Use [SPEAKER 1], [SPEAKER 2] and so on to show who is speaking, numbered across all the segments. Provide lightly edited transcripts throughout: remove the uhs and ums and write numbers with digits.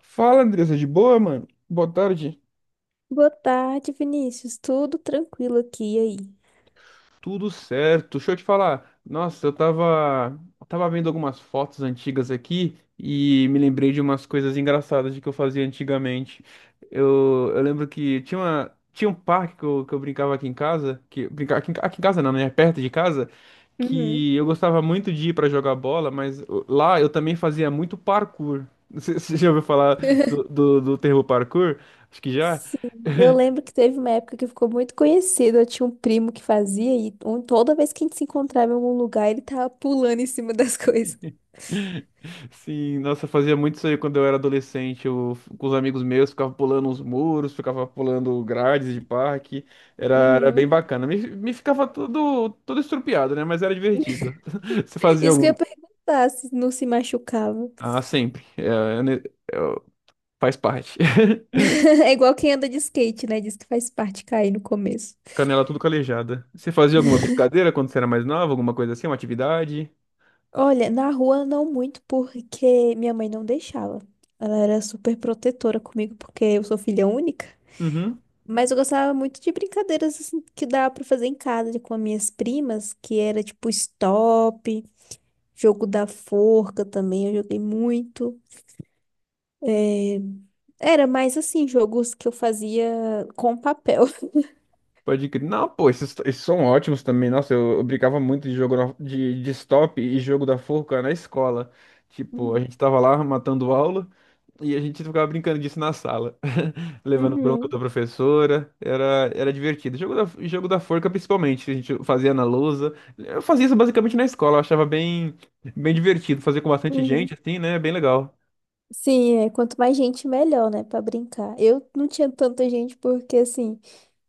[SPEAKER 1] Fala, Andressa, de boa, mano? Boa tarde.
[SPEAKER 2] Boa tarde, Vinícius. Tudo tranquilo aqui e aí?
[SPEAKER 1] Tudo certo. Deixa eu te falar. Nossa, tava vendo algumas fotos antigas aqui e me lembrei de umas coisas engraçadas de que eu fazia antigamente. Eu lembro que tinha um parque que eu brincava aqui em casa, que brincava aqui em casa não, né? É perto de casa,
[SPEAKER 2] Uhum.
[SPEAKER 1] que eu gostava muito de ir pra jogar bola, mas lá eu também fazia muito parkour. Você já ouviu falar do termo parkour? Acho que já.
[SPEAKER 2] Sim. Eu lembro que teve uma época que ficou muito conhecido. Eu tinha um primo que fazia toda vez que a gente se encontrava em algum lugar, ele tava pulando em cima das coisas.
[SPEAKER 1] Sim, nossa, eu fazia muito isso aí quando eu era adolescente. Eu, com os amigos meus, ficava pulando uns muros, ficava pulando grades de parque. Era
[SPEAKER 2] Uhum.
[SPEAKER 1] bem bacana. Me ficava todo estrupiado, né? Mas era divertido. Você fazia
[SPEAKER 2] Isso que eu
[SPEAKER 1] algum.
[SPEAKER 2] ia perguntar, se não se machucava.
[SPEAKER 1] Ah, sempre. É ne- é, faz parte.
[SPEAKER 2] É igual quem anda de skate, né? Diz que faz parte cair no começo.
[SPEAKER 1] Canela tudo calejada. Você fazia alguma brincadeira quando você era mais nova? Alguma coisa assim? Uma atividade?
[SPEAKER 2] Olha, na rua não muito, porque minha mãe não deixava. Ela era super protetora comigo, porque eu sou filha única.
[SPEAKER 1] Uhum.
[SPEAKER 2] Mas eu gostava muito de brincadeiras assim que dava pra fazer em casa com as minhas primas, que era tipo stop, jogo da forca também, eu joguei muito. Era mais assim, jogos que eu fazia com papel.
[SPEAKER 1] Pode crer. Não, pô, esses são ótimos também. Nossa, eu brincava muito de de stop e jogo da forca na escola. Tipo, a
[SPEAKER 2] Uhum,
[SPEAKER 1] gente tava lá matando aula e a gente ficava brincando disso na sala. Levando bronca
[SPEAKER 2] uhum.
[SPEAKER 1] da professora. Era divertido. Jogo da forca, principalmente. A gente fazia na lousa. Eu fazia isso basicamente na escola. Eu achava bem divertido. Fazer com bastante gente,
[SPEAKER 2] Uhum.
[SPEAKER 1] assim, né? Bem legal.
[SPEAKER 2] Sim, é, quanto mais gente, melhor, né, pra brincar. Eu não tinha tanta gente porque, assim,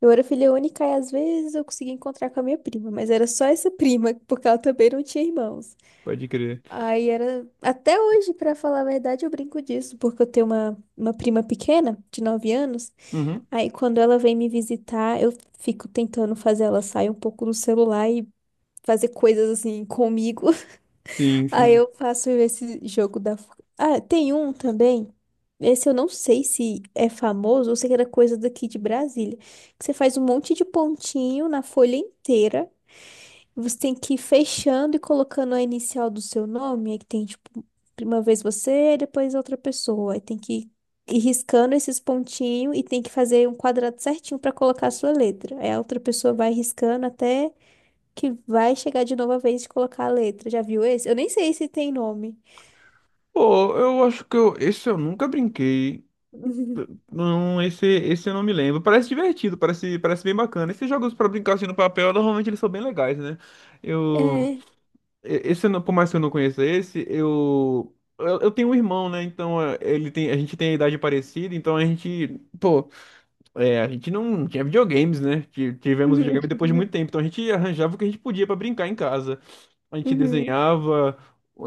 [SPEAKER 2] eu era filha única e às vezes eu conseguia encontrar com a minha prima, mas era só essa prima, porque ela também não tinha irmãos.
[SPEAKER 1] Pode crer.
[SPEAKER 2] Aí era. Até hoje, pra falar a verdade, eu brinco disso, porque eu tenho uma prima pequena, de 9 anos.
[SPEAKER 1] Uhum.
[SPEAKER 2] Aí quando ela vem me visitar, eu fico tentando fazer ela sair um pouco do celular e fazer coisas assim comigo. Aí
[SPEAKER 1] Sim.
[SPEAKER 2] eu faço esse jogo da. Ah, tem um também. Esse eu não sei se é famoso, ou se era coisa daqui de Brasília. Que você faz um monte de pontinho na folha inteira. Você tem que ir fechando e colocando a inicial do seu nome. Aí que tem, tipo, uma vez você, depois outra pessoa. Aí tem que ir riscando esses pontinhos e tem que fazer um quadrado certinho para colocar a sua letra. Aí a outra pessoa vai riscando até que vai chegar de novo a vez de colocar a letra. Já viu esse? Eu nem sei se tem nome.
[SPEAKER 1] Pô, eu acho que esse eu nunca brinquei. Não, esse eu não me lembro. Parece divertido, parece bem bacana. Esses jogos pra brincar assim no papel, normalmente eles são bem legais, né? Eu,
[SPEAKER 2] É.
[SPEAKER 1] e- esse, eu não- Por mais que eu não conheça esse, eu tenho um irmão, né? Então ele tem, a gente tem a idade parecida, então a gente, pô, é, a gente não tinha videogames, né? Tivemos videogame depois de muito
[SPEAKER 2] Uhum.
[SPEAKER 1] tempo, então a gente arranjava o que a gente podia pra brincar em casa. A gente
[SPEAKER 2] Uhum.
[SPEAKER 1] desenhava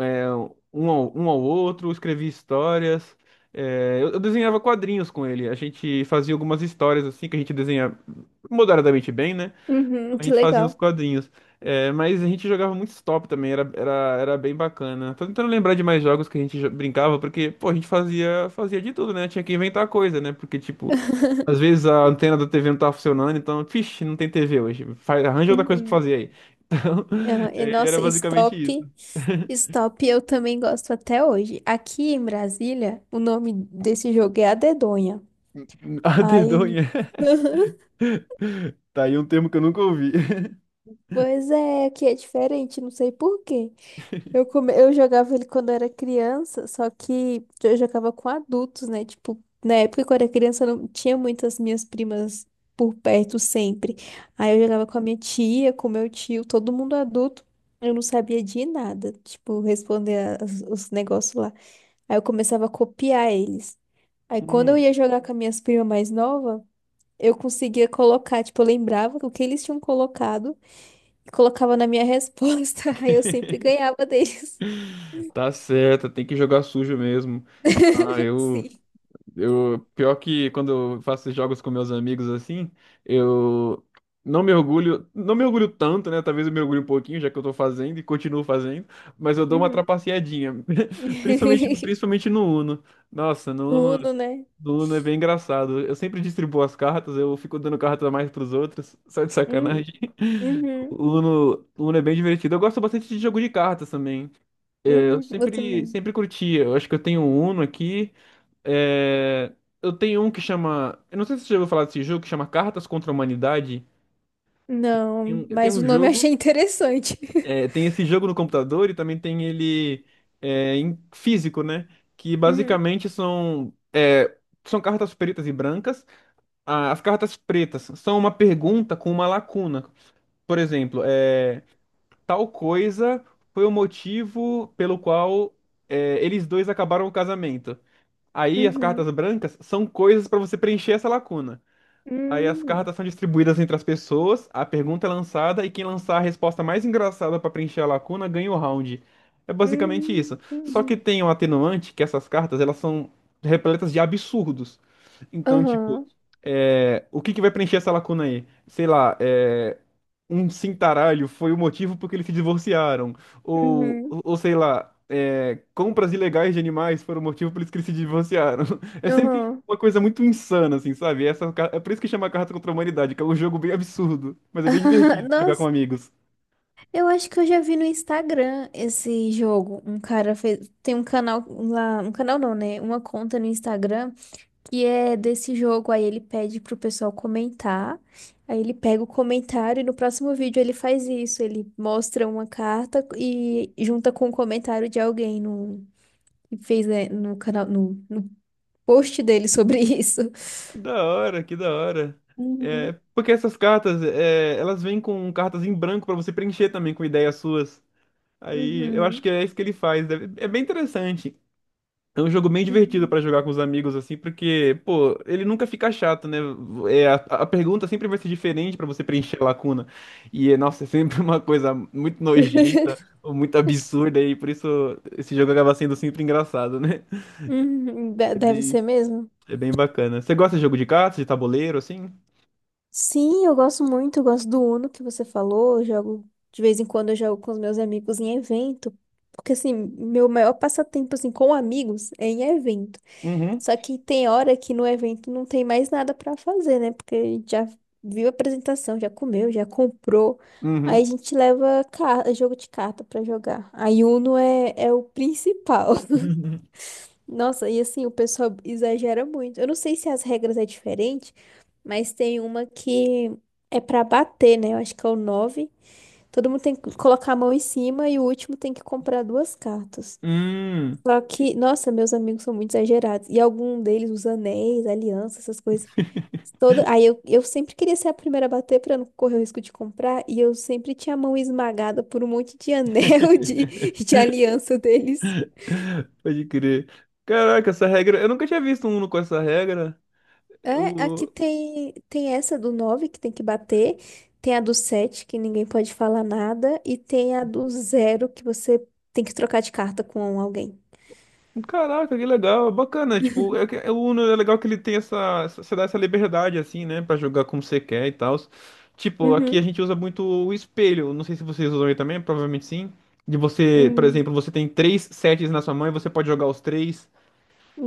[SPEAKER 1] é, um ao outro, escrevia histórias. É, eu desenhava quadrinhos com ele. A gente fazia algumas histórias assim que a gente desenha moderadamente bem, né?
[SPEAKER 2] Uhum.
[SPEAKER 1] A
[SPEAKER 2] Que
[SPEAKER 1] gente fazia uns
[SPEAKER 2] legal.
[SPEAKER 1] quadrinhos. É, mas a gente jogava muito stop também, era bem bacana. Tô tentando lembrar de mais jogos que a gente brincava, porque, pô, a gente fazia de tudo, né? Tinha que inventar coisa, né? Porque, tipo, às vezes a antena da TV não tá funcionando, então, vixe, não tem TV hoje. Faz, arranja outra coisa pra
[SPEAKER 2] Uhum.
[SPEAKER 1] fazer aí. Então,
[SPEAKER 2] Ah, e
[SPEAKER 1] é, era
[SPEAKER 2] nossa,
[SPEAKER 1] basicamente
[SPEAKER 2] stop.
[SPEAKER 1] isso.
[SPEAKER 2] Stop, eu também gosto até hoje. Aqui em Brasília, o nome desse jogo é A Dedonha.
[SPEAKER 1] A
[SPEAKER 2] Aí,
[SPEAKER 1] dedonha. Tá aí um termo que eu nunca ouvi.
[SPEAKER 2] pois é, aqui é diferente, não sei por quê. Eu jogava ele quando era criança, só que eu jogava com adultos, né? Tipo, na época quando era criança eu não tinha muitas minhas primas por perto sempre. Aí eu jogava com a minha tia, com meu tio, todo mundo adulto. Eu não sabia de nada, tipo, responder os negócios lá. Aí eu começava a copiar eles. Aí quando eu
[SPEAKER 1] Hum.
[SPEAKER 2] ia jogar com as minhas primas mais novas, eu conseguia colocar, tipo, eu lembrava o que eles tinham colocado e colocava na minha resposta. Aí eu sempre ganhava deles.
[SPEAKER 1] Tá certo, tem que jogar sujo mesmo. Ah, eu.
[SPEAKER 2] Sim.
[SPEAKER 1] Eu, pior que quando eu faço jogos com meus amigos assim, eu não me orgulho tanto, né? Talvez eu me orgulhe um pouquinho, já que eu tô fazendo e continuo fazendo, mas eu dou uma
[SPEAKER 2] Uhum.
[SPEAKER 1] trapaceadinha. Principalmente no Uno. Nossa,
[SPEAKER 2] No Uno, né?
[SPEAKER 1] No Uno é bem engraçado. Eu sempre distribuo as cartas, eu fico dando carta a mais pros outros, só de
[SPEAKER 2] Hum,
[SPEAKER 1] sacanagem.
[SPEAKER 2] uhum,
[SPEAKER 1] O Uno é bem divertido. Eu gosto bastante de jogo de cartas também. É, Eu
[SPEAKER 2] eu
[SPEAKER 1] sempre,
[SPEAKER 2] também.
[SPEAKER 1] sempre curti. Eu acho que eu tenho um Uno aqui. É, eu tenho um que chama. Eu não sei se você já ouviu falar desse jogo que chama Cartas contra a Humanidade.
[SPEAKER 2] Não,
[SPEAKER 1] Tem
[SPEAKER 2] mas
[SPEAKER 1] um
[SPEAKER 2] o nome eu
[SPEAKER 1] jogo.
[SPEAKER 2] achei interessante.
[SPEAKER 1] É, tem esse jogo no computador e também tem ele é, em físico, né? Que
[SPEAKER 2] Uhum,
[SPEAKER 1] basicamente são. É, são cartas pretas e brancas. Ah, as cartas pretas são uma pergunta com uma lacuna. Por exemplo, é, tal coisa foi o motivo pelo qual é, eles dois acabaram o casamento. Aí as
[SPEAKER 2] uhum,
[SPEAKER 1] cartas brancas são coisas para você preencher essa lacuna. Aí as
[SPEAKER 2] hum,
[SPEAKER 1] cartas são distribuídas entre as pessoas, a pergunta é lançada e quem lançar a resposta mais engraçada para preencher a lacuna ganha o round. É basicamente isso. Só que
[SPEAKER 2] entendi.
[SPEAKER 1] tem um atenuante que essas cartas elas são repletas de absurdos. Então, tipo,
[SPEAKER 2] Aham,
[SPEAKER 1] é, o que que vai preencher essa lacuna aí? Sei lá, é, um cintaralho foi o motivo por que eles se divorciaram. Ou,
[SPEAKER 2] uhum,
[SPEAKER 1] ou sei lá, é, compras ilegais de animais foram o motivo por isso que eles se divorciaram. É sempre
[SPEAKER 2] aham.
[SPEAKER 1] uma coisa muito insana, assim, sabe? É por isso que chama Cartas contra a Humanidade, que é um jogo bem absurdo, mas é bem divertido jogar com
[SPEAKER 2] Nossa.
[SPEAKER 1] amigos.
[SPEAKER 2] Eu acho que eu já vi no Instagram esse jogo. Um cara fez. Tem um canal lá. Um canal não, né? Uma conta no Instagram que é desse jogo. Aí ele pede pro pessoal comentar. Aí ele pega o comentário e no próximo vídeo ele faz isso. Ele mostra uma carta e junta com o comentário de alguém que fez, né, no canal, no post dele sobre isso.
[SPEAKER 1] Que da hora. É,
[SPEAKER 2] Uhum,
[SPEAKER 1] porque essas cartas, é, elas vêm com cartas em branco pra você preencher também com ideias suas. Aí eu acho
[SPEAKER 2] uhum,
[SPEAKER 1] que é isso que ele faz. É bem interessante. É um jogo bem divertido
[SPEAKER 2] uhum.
[SPEAKER 1] pra jogar com os amigos, assim, porque, pô, ele nunca fica chato, né? É, a pergunta sempre vai ser diferente pra você preencher a lacuna. E, é, nossa, é sempre uma coisa muito nojenta ou muito absurda, e por isso esse jogo acaba sendo sempre engraçado, né?
[SPEAKER 2] Uhum.
[SPEAKER 1] É
[SPEAKER 2] Deve ser
[SPEAKER 1] bem,
[SPEAKER 2] mesmo.
[SPEAKER 1] é bem bacana. Você gosta de jogo de cartas, de tabuleiro, assim?
[SPEAKER 2] Sim, eu gosto muito, eu gosto do Uno que você falou, eu jogo de vez em quando eu jogo com os meus amigos em evento, porque assim, meu maior passatempo assim com amigos é em evento.
[SPEAKER 1] Uhum,
[SPEAKER 2] Só que tem hora que no evento não tem mais nada pra fazer, né? Porque a gente já viu a apresentação, já comeu, já comprou. Aí a
[SPEAKER 1] uhum.
[SPEAKER 2] gente leva jogo de carta pra jogar. Aí Uno é o principal. Nossa, e assim, o pessoal exagera muito. Eu não sei se as regras é diferente, mas tem uma que é pra bater, né? Eu acho que é o nove. Todo mundo tem que colocar a mão em cima e o último tem que comprar duas cartas.
[SPEAKER 1] Hum,
[SPEAKER 2] Só que, nossa, meus amigos são muito exagerados. E algum deles, os anéis, alianças, essas coisas. Toda... Aí eu sempre queria ser a primeira a bater pra não correr o risco de comprar. E eu sempre tinha a mão esmagada por um monte de anel de, aliança deles.
[SPEAKER 1] pode crer. Caraca, essa regra. Eu nunca tinha visto um Uno com essa regra.
[SPEAKER 2] É, aqui tem essa do 9 que tem que bater, tem a do 7 que ninguém pode falar nada, e tem a do zero que você tem que trocar de carta com alguém.
[SPEAKER 1] Caraca, que legal, bacana. Tipo, é, é, o Uno é legal que ele tem você dá essa liberdade assim, né, pra jogar como você quer e tal. Tipo, aqui a
[SPEAKER 2] Uhum.
[SPEAKER 1] gente usa muito o espelho. Não sei se vocês usam aí também, provavelmente sim. De você, por
[SPEAKER 2] Hum,
[SPEAKER 1] exemplo, você tem três sets na sua mão e você pode jogar os três.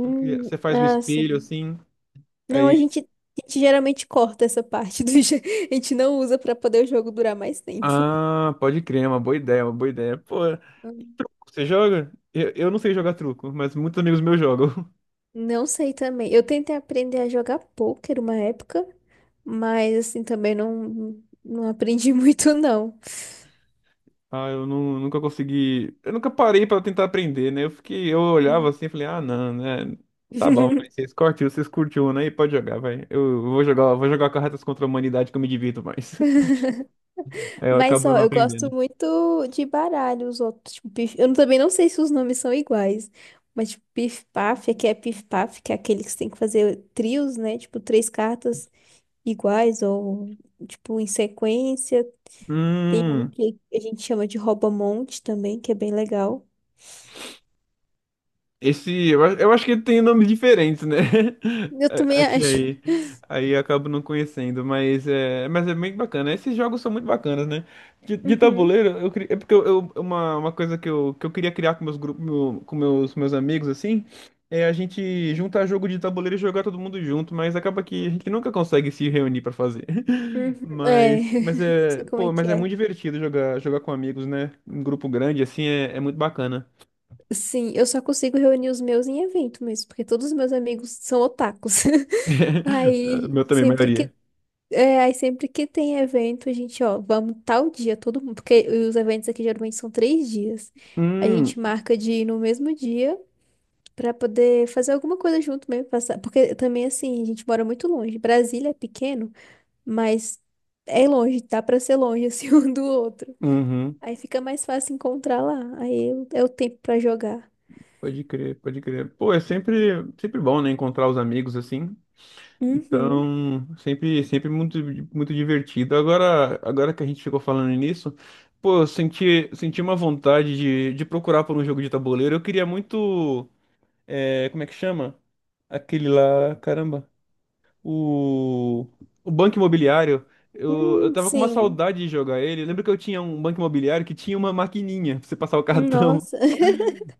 [SPEAKER 1] Porque você faz o
[SPEAKER 2] ah,
[SPEAKER 1] espelho
[SPEAKER 2] sim.
[SPEAKER 1] assim.
[SPEAKER 2] Não, a
[SPEAKER 1] Aí,
[SPEAKER 2] gente, a gente geralmente corta essa parte do jogo. A gente não usa pra poder o jogo durar mais tempo.
[SPEAKER 1] ah, pode crer, é uma boa ideia, uma boa ideia. Pô,
[SPEAKER 2] Hum.
[SPEAKER 1] você joga? Eu não sei jogar truco, mas muitos amigos meus jogam.
[SPEAKER 2] Não sei também. Eu tentei aprender a jogar pôquer uma época, mas assim também não, não aprendi muito, não.
[SPEAKER 1] Ah, eu nunca consegui. Eu nunca parei pra tentar aprender, né? Eu fiquei, eu olhava
[SPEAKER 2] Hum.
[SPEAKER 1] assim e falei, ah, não, né? Tá bom, mas vocês curtiu, né? E pode jogar, vai. Eu vou vou jogar cartas contra a humanidade que eu me divirto mais. Aí eu
[SPEAKER 2] Mas,
[SPEAKER 1] acabo
[SPEAKER 2] ó,
[SPEAKER 1] não
[SPEAKER 2] eu gosto
[SPEAKER 1] aprendendo.
[SPEAKER 2] muito de baralho, os outros. Tipo, pif... Eu não- também não sei se os nomes são iguais. Mas, tipo, pif-paf, aqui é pif-paf, que é aquele que você tem que fazer trios, né? Tipo, três cartas iguais ou, tipo, em sequência. Tem um
[SPEAKER 1] Hum.
[SPEAKER 2] que a gente chama de rouba-monte também, que é bem legal.
[SPEAKER 1] Esse, eu, eu acho que ele tem nomes diferentes, né?
[SPEAKER 2] Eu
[SPEAKER 1] A-
[SPEAKER 2] também
[SPEAKER 1] aqui
[SPEAKER 2] acho.
[SPEAKER 1] aí. Aí eu acabo não conhecendo, mas é bem bacana. Esses jogos são muito bacanas, né? De
[SPEAKER 2] Uhum,
[SPEAKER 1] tabuleiro, eu, é porque uma coisa que eu queria criar com meus grupos, com meus amigos, assim, é a gente juntar jogo de tabuleiro e jogar todo mundo junto, mas acaba que a gente nunca consegue se reunir pra fazer.
[SPEAKER 2] uhum. É,
[SPEAKER 1] Mas é,
[SPEAKER 2] sei como é
[SPEAKER 1] pô,
[SPEAKER 2] que
[SPEAKER 1] mas é muito
[SPEAKER 2] é.
[SPEAKER 1] divertido jogar com amigos, né? Em grupo grande, assim, é, é muito bacana.
[SPEAKER 2] Sim, eu só consigo reunir os meus em evento mesmo, porque todos os meus amigos são otakus. Aí,
[SPEAKER 1] Meu também,
[SPEAKER 2] sempre que
[SPEAKER 1] maioria.
[SPEAKER 2] É, aí sempre que tem evento, a gente, ó, vamos tal dia, todo mundo, porque os eventos aqui geralmente são 3 dias. A
[SPEAKER 1] Hum,
[SPEAKER 2] gente marca de ir no mesmo dia pra poder fazer alguma coisa junto mesmo, passar, porque também assim, a gente mora muito longe. Brasília é pequeno, mas é longe, dá pra ser longe assim um do outro.
[SPEAKER 1] uhum.
[SPEAKER 2] Aí fica mais fácil encontrar lá. Aí é o tempo pra jogar.
[SPEAKER 1] Pode crer. Pô, é sempre bom, né, encontrar os amigos assim.
[SPEAKER 2] Uhum.
[SPEAKER 1] Então, sempre muito divertido. Agora que a gente ficou falando nisso, pô, eu senti uma vontade de procurar por um jogo de tabuleiro. Eu queria muito, é, como é que chama? Aquele lá, caramba. O, o Banco Imobiliário, eu tava com uma
[SPEAKER 2] Sim.
[SPEAKER 1] saudade de jogar ele. Eu lembro que eu tinha um Banco Imobiliário que tinha uma maquininha pra você passar o cartão.
[SPEAKER 2] Nossa.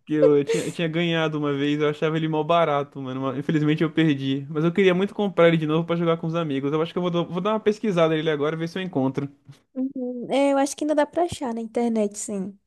[SPEAKER 1] Que eu eu tinha ganhado uma vez, eu achava ele mó barato, mano. Mas infelizmente eu perdi. Mas eu queria muito comprar ele de novo pra jogar com os amigos. Eu acho que eu vou dar uma pesquisada nele agora, ver se eu encontro.
[SPEAKER 2] Uhum. É, eu acho que ainda dá pra achar na internet, sim.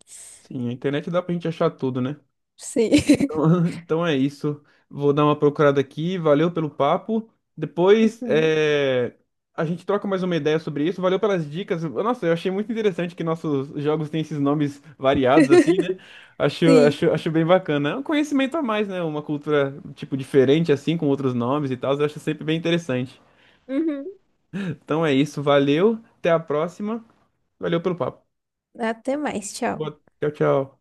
[SPEAKER 1] Sim, a internet dá pra gente achar tudo, né?
[SPEAKER 2] Sim.
[SPEAKER 1] Então então é isso. Vou dar uma procurada aqui. Valeu pelo papo. Depois
[SPEAKER 2] Uhum.
[SPEAKER 1] é, a gente troca mais uma ideia sobre isso. Valeu pelas dicas. Nossa, eu achei muito interessante que nossos jogos têm esses nomes variados, assim, né?
[SPEAKER 2] Sim.
[SPEAKER 1] Acho bem bacana. É um conhecimento a mais, né? Uma cultura, tipo, diferente, assim, com outros nomes e tal. Eu acho sempre bem interessante.
[SPEAKER 2] Uhum.
[SPEAKER 1] Então é isso. Valeu. Até a próxima. Valeu pelo papo.
[SPEAKER 2] Até mais, tchau.
[SPEAKER 1] Tchau, tchau.